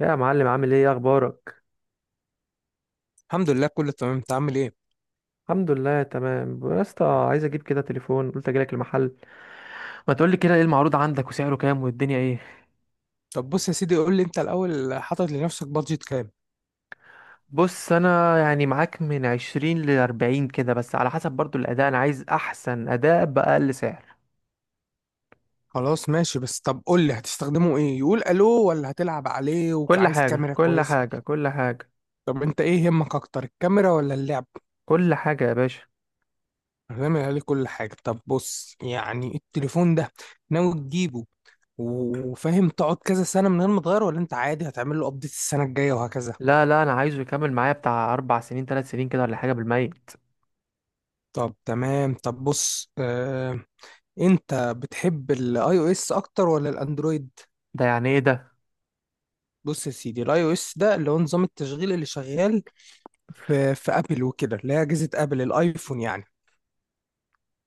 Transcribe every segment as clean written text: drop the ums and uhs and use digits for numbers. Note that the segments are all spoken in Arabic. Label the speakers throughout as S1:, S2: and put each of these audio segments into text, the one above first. S1: يا معلم، عامل ايه؟ إيه اخبارك؟
S2: الحمد لله كله تمام. انت عامل ايه؟
S1: الحمد لله تمام يا اسطى. عايز اجيب كده تليفون، قلت اجيلك المحل. ما تقولي كده، ايه المعروض عندك وسعره كام والدنيا ايه؟
S2: طب بص يا سيدي، قول لي انت الاول: حاطط لنفسك بادجت كام؟
S1: بص انا يعني معاك من 20 لـ40 كده، بس على حسب برضو الاداء. انا عايز احسن اداء باقل سعر.
S2: خلاص ماشي، بس طب قول لي هتستخدمه ايه؟ يقول الو ولا هتلعب عليه
S1: كل
S2: وعايز
S1: حاجه،
S2: كاميرا
S1: كل
S2: كويسه؟
S1: حاجه، كل حاجه.
S2: طب انت ايه يهمك اكتر، الكاميرا ولا اللعب؟
S1: كل حاجه يا باشا.
S2: هنعمل عليه كل حاجه. طب بص، يعني التليفون ده ناوي تجيبه وفاهم تقعد كذا سنه من غير ما تغيره، ولا انت عادي هتعمل له ابديت السنه الجايه وهكذا؟
S1: لا لا، انا عايزه يكمل معايا بتاع 4 سنين، 3 سنين كده، ولا حاجه بالميت.
S2: طب تمام. طب بص، انت بتحب الاي او اس اكتر ولا الاندرويد؟
S1: ده يعني ايه ده؟
S2: بص يا سيدي، الاي او اس ده اللي هو نظام التشغيل اللي شغال في ابل وكده، اللي هي اجهزه ابل، الايفون يعني.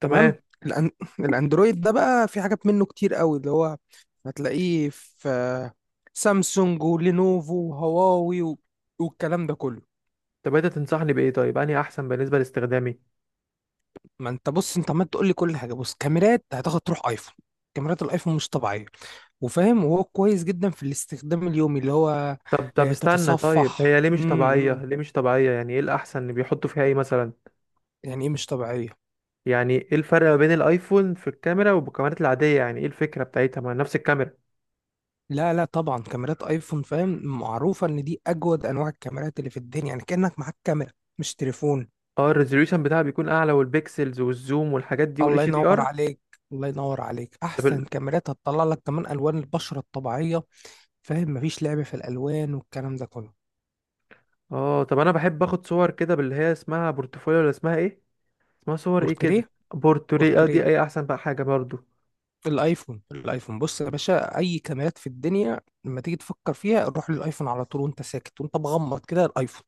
S1: تمام.
S2: تمام. الأن الاندرويد ده بقى في حاجات منه كتير قوي، اللي هو هتلاقيه في سامسونج ولينوفو وهواوي و... والكلام ده كله.
S1: طب انت تنصحني بايه طيب اني احسن بالنسبه لاستخدامي؟
S2: ما انت بص، انت عمال تقول لي كل حاجه. بص، كاميرات هتاخد تروح ايفون. كاميرات الايفون مش طبيعيه وفاهم، وهو كويس جدا في الاستخدام اليومي اللي هو
S1: طب استنى. طيب
S2: تتصفح
S1: هي ليه مش طبيعية، ليه مش طبيعية؟ يعني ايه الأحسن اللي بيحطوا فيها ايه مثلا؟
S2: يعني ايه مش طبيعيه؟
S1: يعني ايه الفرق ما بين الايفون في الكاميرا والكاميرات العادية؟ يعني ايه الفكرة بتاعتها؟ ما نفس الكاميرا.
S2: لا لا، طبعا كاميرات ايفون فاهم، معروفة ان دي اجود انواع الكاميرات اللي في الدنيا، يعني كأنك معاك كاميرا مش تليفون.
S1: اه، الريزوليوشن بتاعها بيكون اعلى، والبيكسلز والزوم والحاجات دي
S2: الله
S1: والاتش دي
S2: ينور
S1: ار.
S2: عليك، الله ينور عليك.
S1: طب ال...
S2: احسن كاميرات، هتطلع لك كمان الوان البشرة الطبيعية فاهم، مفيش لعب في الالوان والكلام ده كله.
S1: اه، طب انا بحب اخد صور كده باللي هي اسمها بورتفوليو ولا اسمها ايه؟ اسمها صور ايه
S2: بورتريه.
S1: كده؟ بورتري، اه.
S2: بورتريه.
S1: دي اي احسن بقى حاجة برضو؟
S2: الايفون، الايفون بص يا باشا، اي كاميرات في الدنيا لما تيجي تفكر فيها، روح للايفون على طول وانت ساكت وانت مغمض كده، الايفون.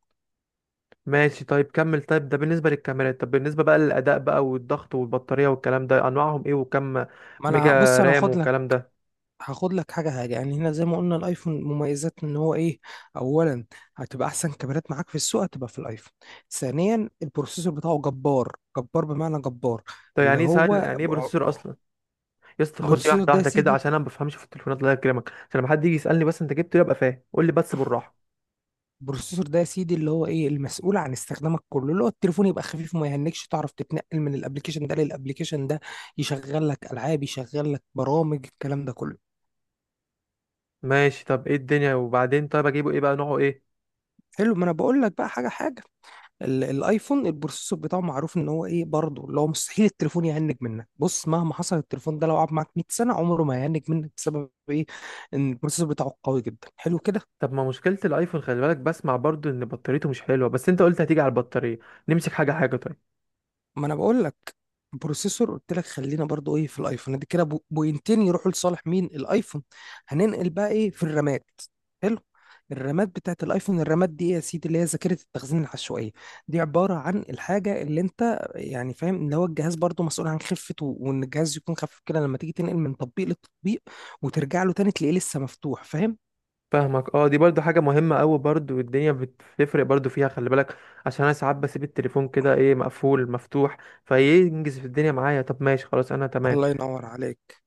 S1: ماشي، طيب كمل. طيب ده بالنسبة للكاميرات، طب بالنسبة بقى للأداء بقى والضغط والبطارية والكلام ده، أنواعهم إيه؟ وكم
S2: ما انا
S1: ميجا
S2: بص، انا
S1: رام
S2: هاخد،
S1: والكلام ده؟
S2: هاخد لك حاجة حاجة. يعني هنا زي ما قلنا، الايفون مميزات ان هو ايه؟ اولا، هتبقى احسن كاميرات معاك في السوق هتبقى في الايفون. ثانيا، البروسيسور بتاعه جبار، جبار بمعنى جبار.
S1: طب
S2: اللي
S1: يعني ايه سهل،
S2: هو
S1: يعني ايه بروسيسور اصلا؟ يا اسطى، خد لي
S2: بروسيسور
S1: واحده
S2: ده يا
S1: واحده كده،
S2: سيدي،
S1: عشان انا ما بفهمش في التليفونات، الله يكرمك، عشان لما حد يجي يسالني بس انت جبته إيه، ابقى فاهم. قول لي بس بالراحه.
S2: البروسيسور ده يا سيدي اللي هو ايه، المسؤول عن استخدامك كله. اللي هو التليفون يبقى خفيف وما يهنكش، تعرف تتنقل من الابليكيشن ده للابليكيشن ده، يشغل لك العاب، يشغل لك برامج، الكلام ده كله.
S1: ماشي. طب ايه الدنيا وبعدين؟ طيب اجيبه ايه بقى، نوعه ايه؟
S2: حلو، ما انا بقول لك بقى حاجة حاجة. الايفون البروسيسور بتاعه معروف ان هو ايه برضه، اللي هو مستحيل التليفون يهنج منك. بص، مهما حصل التليفون ده، لو قعد معاك 100 سنه عمره ما هيهنج منك. بسبب ايه؟ ان البروسيسور بتاعه قوي جدا. حلو كده.
S1: طب ما مشكله الايفون، خلي بالك، بسمع برضو ان بطاريته مش حلوه، بس انت قلت هتيجي على البطاريه. نمسك حاجه حاجه طيب.
S2: ما انا بقول لك، بروسيسور قلت لك. خلينا برضو ايه في الايفون، دي كده بوينتين يروحوا لصالح مين؟ الايفون. هننقل بقى ايه، في الرامات. حلو. الرامات بتاعت الايفون، الرامات دي ايه يا سيدي؟ اللي هي ذاكره التخزين العشوائيه. دي عباره عن الحاجه اللي انت يعني فاهم ان هو الجهاز برضو مسؤول عن خفه، وان الجهاز يكون خفيف كده لما تيجي تنقل من تطبيق للتطبيق وترجع له تاني تلاقيه لسه مفتوح فاهم.
S1: فاهمك، اه. دي برضو حاجه مهمه قوي برضو، والدنيا بتفرق برضو فيها، خلي بالك. عشان انا ساعات بسيب التليفون كده ايه، مقفول مفتوح، فينجز في الدنيا معايا. طب ماشي، خلاص انا تمام.
S2: الله ينور عليك.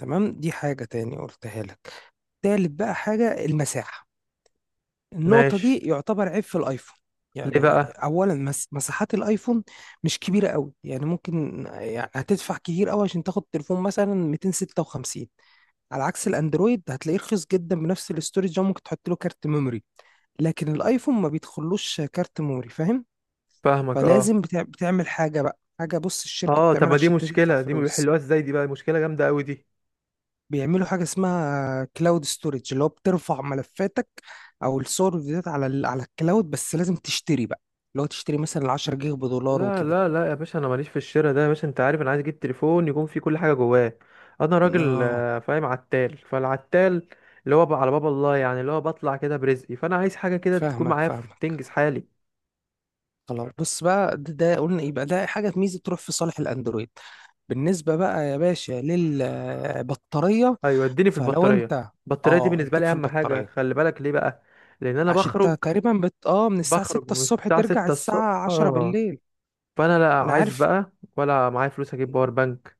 S2: تمام، دي حاجه تاني قلتها لك. تالت بقى حاجه، المساحه. النقطة
S1: ماشي.
S2: دي يعتبر عيب في الايفون.
S1: ليه
S2: يعني
S1: بقى؟
S2: اولا، مساحات الايفون مش كبيرة قوي. يعني ممكن، يعني هتدفع كتير قوي عشان تاخد تليفون مثلا 256. على عكس الاندرويد هتلاقيه رخيص جدا بنفس الاستورج ده، ممكن تحط له كارت ميموري. لكن الايفون ما بيدخلوش كارت ميموري فاهم.
S1: فاهمك اه.
S2: فلازم بتعمل حاجة بقى حاجة. بص، الشركة
S1: اه، طب
S2: بتعملها
S1: ما دي
S2: عشان انت تدفع
S1: مشكلة، دي ما
S2: فلوس.
S1: بيحلوها ازاي؟ دي بقى مشكلة جامدة قوي دي.
S2: بيعملوا حاجة اسمها كلاود ستورج، اللي هو بترفع ملفاتك او الصور والفيديوهات على على الكلاود، بس لازم تشتري بقى، اللي هو تشتري مثلا 10 جيجا بدولار
S1: لا
S2: وكده.
S1: لا لا يا باشا، انا ماليش في الشراء ده يا باشا. انت عارف انا عايز اجيب تليفون يكون فيه كل حاجة جواه. انا راجل،
S2: اه
S1: فاهم، عتال فالعتال، اللي هو بقى على باب الله، يعني اللي هو بطلع كده برزقي، فانا عايز حاجة كده تكون
S2: فاهمك،
S1: معايا
S2: فاهمك.
S1: تنجز حالي.
S2: خلاص، بص بقى ده قلنا يبقى ده حاجة ميزة تروح في صالح الاندرويد. بالنسبة بقى يا باشا للبطارية،
S1: ايوه، اديني في
S2: فلو
S1: البطارية.
S2: انت،
S1: البطارية دي
S2: اه
S1: بالنسبة
S2: اديك
S1: لي
S2: في
S1: اهم حاجة،
S2: البطارية.
S1: خلي بالك. ليه بقى؟ لان انا
S2: عشان
S1: بخرج.
S2: انت تقريبا اه من الساعة
S1: بخرج
S2: 6
S1: من
S2: الصبح
S1: الساعة
S2: ترجع
S1: 6 الصبح.
S2: الساعة 10 بالليل.
S1: فانا لا
S2: انا
S1: عايز
S2: عارف.
S1: بقى ولا معايا فلوس اجيب باور بانك،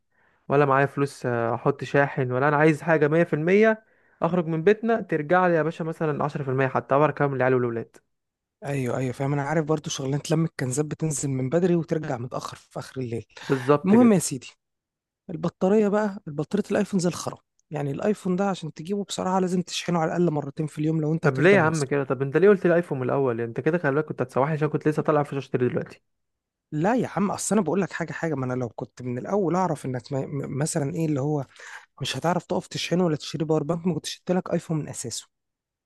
S1: ولا معايا فلوس احط شاحن. ولا انا عايز حاجه 100%. اخرج من بيتنا، ترجع لي يا باشا مثلا 10%، حتى اعرف اكمل العيال والولاد.
S2: ايوه ايوه فاهم، انا عارف برضو شغلانه لم الكنزات بتنزل من بدري وترجع متاخر في اخر الليل.
S1: بالظبط
S2: المهم
S1: كده.
S2: يا سيدي، البطاريه بقى، البطاريه الايفون زي الخرا. يعني الايفون ده عشان تجيبه بصراحه لازم تشحنه على الاقل مرتين في اليوم لو انت
S1: طب ليه يا
S2: هتفضل
S1: عم
S2: ماسكه.
S1: كده؟ طب انت ليه قلت لي ايفون من الاول؟ يعني انت كده خلي بالك كنت هتسوحني، عشان كنت لسه طالع في اشتري دلوقتي.
S2: لا يا عم، اصل انا بقول لك حاجه حاجه. ما انا لو كنت من الاول اعرف انك مثلا ايه، اللي هو مش هتعرف تقف تشحنه ولا تشتري باور بانك، ما كنتش جبت لك ايفون من اساسه.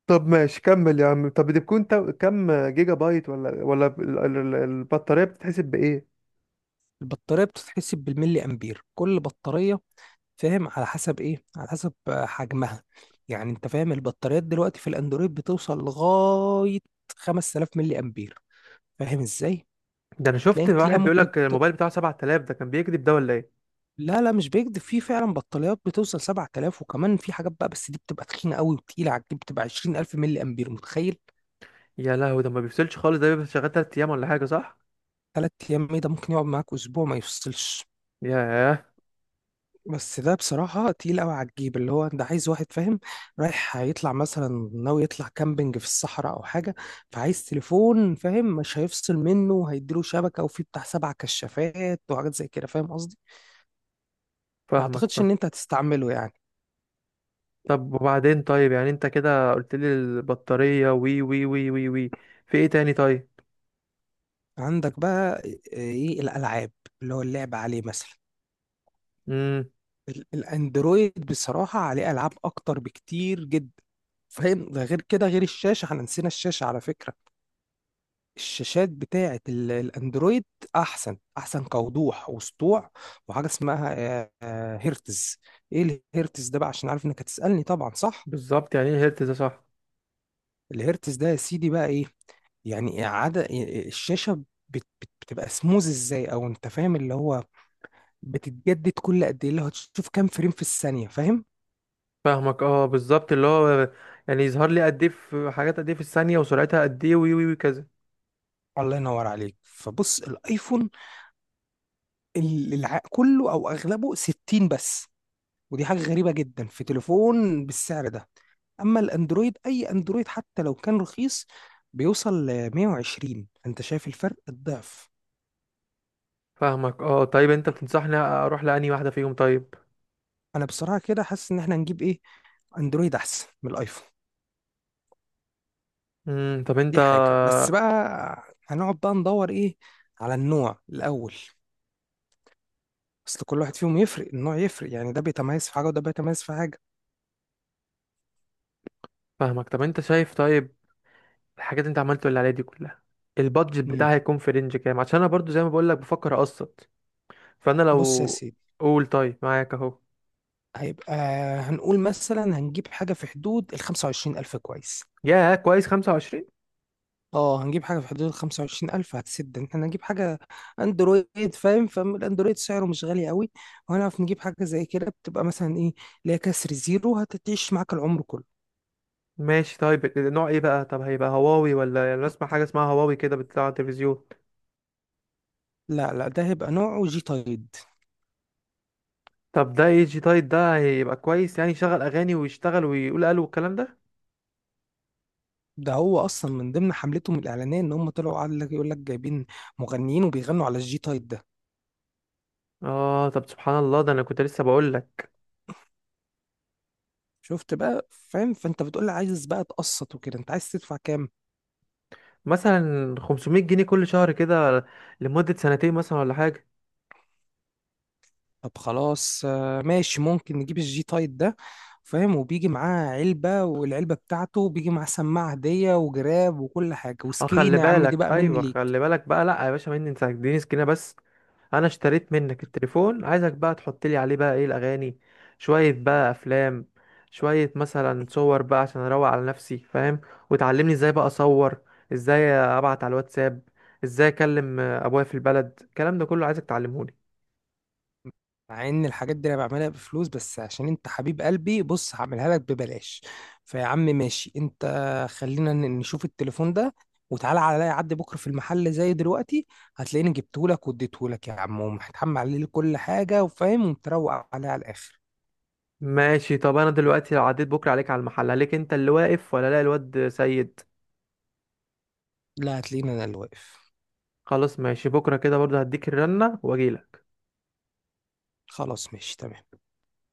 S1: طب ماشي، كمل يا عم. طب دي بتكون كام جيجا بايت ولا البطارية بتتحسب بإيه؟
S2: البطاريه بتتحسب بالملي امبير. كل بطاريه فاهم على حسب ايه، على حسب حجمها. يعني انت فاهم البطاريات دلوقتي في الاندرويد بتوصل لغاية 5,000 ملي امبير. فاهم ازاي؟
S1: ده انا
S2: تلاقي
S1: شفت
S2: تلاقي
S1: واحد بيقول لك الموبايل بتاعه 7000، ده كان بيكذب ده ولا ايه؟
S2: لا لا مش بيكذب، في فعلا بطاريات بتوصل 7,000. وكمان في حاجات بقى، بس دي بتبقى تخينة قوي وتقيلة على الجيب، بتبقى 20,000 ملي امبير، متخيل؟
S1: يا لهوي، ده ما بيفصلش خالص، ده بيبقى شغال 3 ايام ولا حاجه، صح؟
S2: 3 ايام ايه ده؟ ممكن يقعد معاك اسبوع ما يفصلش.
S1: ياه.
S2: بس ده بصراحة تقيل قوي على الجيب. اللي هو انت عايز واحد فاهم رايح هيطلع، مثلا ناوي يطلع كامبينج في الصحراء او حاجة، فعايز تليفون فاهم مش هيفصل منه وهيديله شبكة وفيه بتاع سبع كشافات وحاجات زي كده، فاهم قصدي. ما
S1: فاهمك،
S2: اعتقدش
S1: فاهم.
S2: ان انت هتستعمله يعني.
S1: طب وبعدين طيب، يعني انت كده قلت لي البطارية، وي وي وي وي وي، في ايه تاني طيب؟
S2: عندك بقى ايه، الالعاب، اللي هو اللعب عليه مثلا.
S1: امم
S2: الاندرويد بصراحة عليه العاب اكتر بكتير جدا فاهم. ده غير كده، غير الشاشة، احنا نسينا الشاشة على فكرة. الشاشات بتاعة الأندرويد أحسن، أحسن كوضوح وسطوع. وحاجة اسمها هرتز. إيه الهرتز ده بقى؟ عشان عارف إنك هتسألني طبعا، صح؟
S1: بالظبط. يعني ايه هرتز ده، صح؟
S2: الهرتز ده يا سيدي بقى إيه؟ يعني إعادة الشاشة، بتبقى سموز إزاي، أو أنت فاهم اللي هو بتتجدد كل قد إيه، اللي هو تشوف كام فريم في الثانية فاهم.
S1: فاهمك اه، بالظبط اللي هو، يعني يظهر لي قد ايه في حاجات، قد ايه في الثانية، وسرعتها قد ايه، وي وي وي كذا.
S2: الله ينور عليك. فبص الآيفون كله أو أغلبه 60 بس، ودي حاجة غريبة جدا في تليفون بالسعر ده. اما الاندرويد، اي اندرويد حتى لو كان رخيص بيوصل ل 120. انت شايف الفرق الضعف؟
S1: فاهمك اه. طيب انت بتنصحني اروح لأني واحدة فيهم طيب؟
S2: انا بصراحه كده حاسس ان احنا نجيب ايه، اندرويد احسن من الايفون.
S1: طب انت؟
S2: دي حاجه، بس بقى هنقعد بقى ندور ايه، على النوع الاول. اصل كل واحد فيهم يفرق، النوع يفرق، يعني ده بيتميز في حاجه وده بيتميز في حاجه.
S1: فاهمك. طب انت شايف طيب الحاجات اللي انت عملت اللي عليها دي كلها، البادجت
S2: امم
S1: بتاعي هيكون في رينج كام؟ عشان انا برضو زي ما بقول لك بفكر اقسط. فانا
S2: بص يا
S1: لو،
S2: سيدي،
S1: قول طيب، معاك اهو.
S2: هيبقى، هنقول مثلا هنجيب حاجه في حدود ال 25,000، كويس.
S1: يا كويس، 25.
S2: اه، هنجيب حاجة في حدود الخمسة وعشرين ألف، هتسد إن احنا نجيب حاجة أندرويد فاهم. فالأندرويد سعره مش غالي قوي، وهنعرف نجيب حاجة زي كده بتبقى مثلا إيه، اللي هي كسر زيرو، هتعيش معاك العمر كله.
S1: ماشي، طيب نوع ايه بقى؟ طب هيبقى هواوي ولا، يعني أنا اسمع حاجه اسمها هواوي كده بتطلع على التلفزيون؟
S2: لا لا، ده هيبقى نوعه جي تايد.
S1: طب ده اي جي تايب، ده هيبقى كويس؟ يعني يشغل اغاني ويشتغل ويقول الو والكلام ده؟
S2: ده هو أصلا من ضمن حملتهم الإعلانية إن هم طلعوا، قال لك يقول لك جايبين مغنيين وبيغنوا على الجي تايد ده.
S1: اه، طب سبحان الله، ده انا كنت لسه بقول لك.
S2: شفت بقى فاهم؟ فأنت بتقول لي عايز بقى تقسط وكده، أنت عايز تدفع كام؟
S1: مثلا 500 جنيه كل شهر كده، لمده سنتين مثلا، ولا حاجه.
S2: طب خلاص، ماشي، ممكن نجيب الجي تايب ده فاهم. وبيجي معاه علبة، والعلبة بتاعته بيجي معاه سماعة هدية وجراب وكل حاجة
S1: اه، خلي
S2: وسكرين يا عم، دي
S1: بالك،
S2: بقى مني
S1: ايوه، خلي
S2: ليك.
S1: بالك بقى. لا يا باشا، مني انت، اديني سكينه بس. انا اشتريت منك التليفون، عايزك بقى تحط لي عليه بقى ايه، الاغاني، شويه بقى افلام، شويه مثلا صور بقى، عشان اروق على نفسي فاهم. وتعلمني ازاي بقى اصور، ازاي ابعت على الواتساب، ازاي اكلم ابويا في البلد. الكلام ده كله عايزك تعلمهولي.
S2: مع ان الحاجات دي انا بعملها بفلوس، بس عشان انت حبيب قلبي بص هعملها لك ببلاش. فيا عم ماشي انت، خلينا نشوف التليفون ده، وتعالى عليا عدي بكرة في المحل زي دلوقتي، هتلاقيني جبتهولك واديتهولك يا عم ومحتحم عليه كل حاجة وفاهم ومتروق عليه على الآخر.
S1: ماشي. طب انا دلوقتي لو عديت بكره عليك على المحل، عليك انت اللي واقف ولا لا، الواد سيد؟
S2: لا، هتلاقيني انا اللي واقف.
S1: خلاص ماشي، بكره كده برضه هديك الرنه واجيلك.
S2: خلاص ماشي تمام.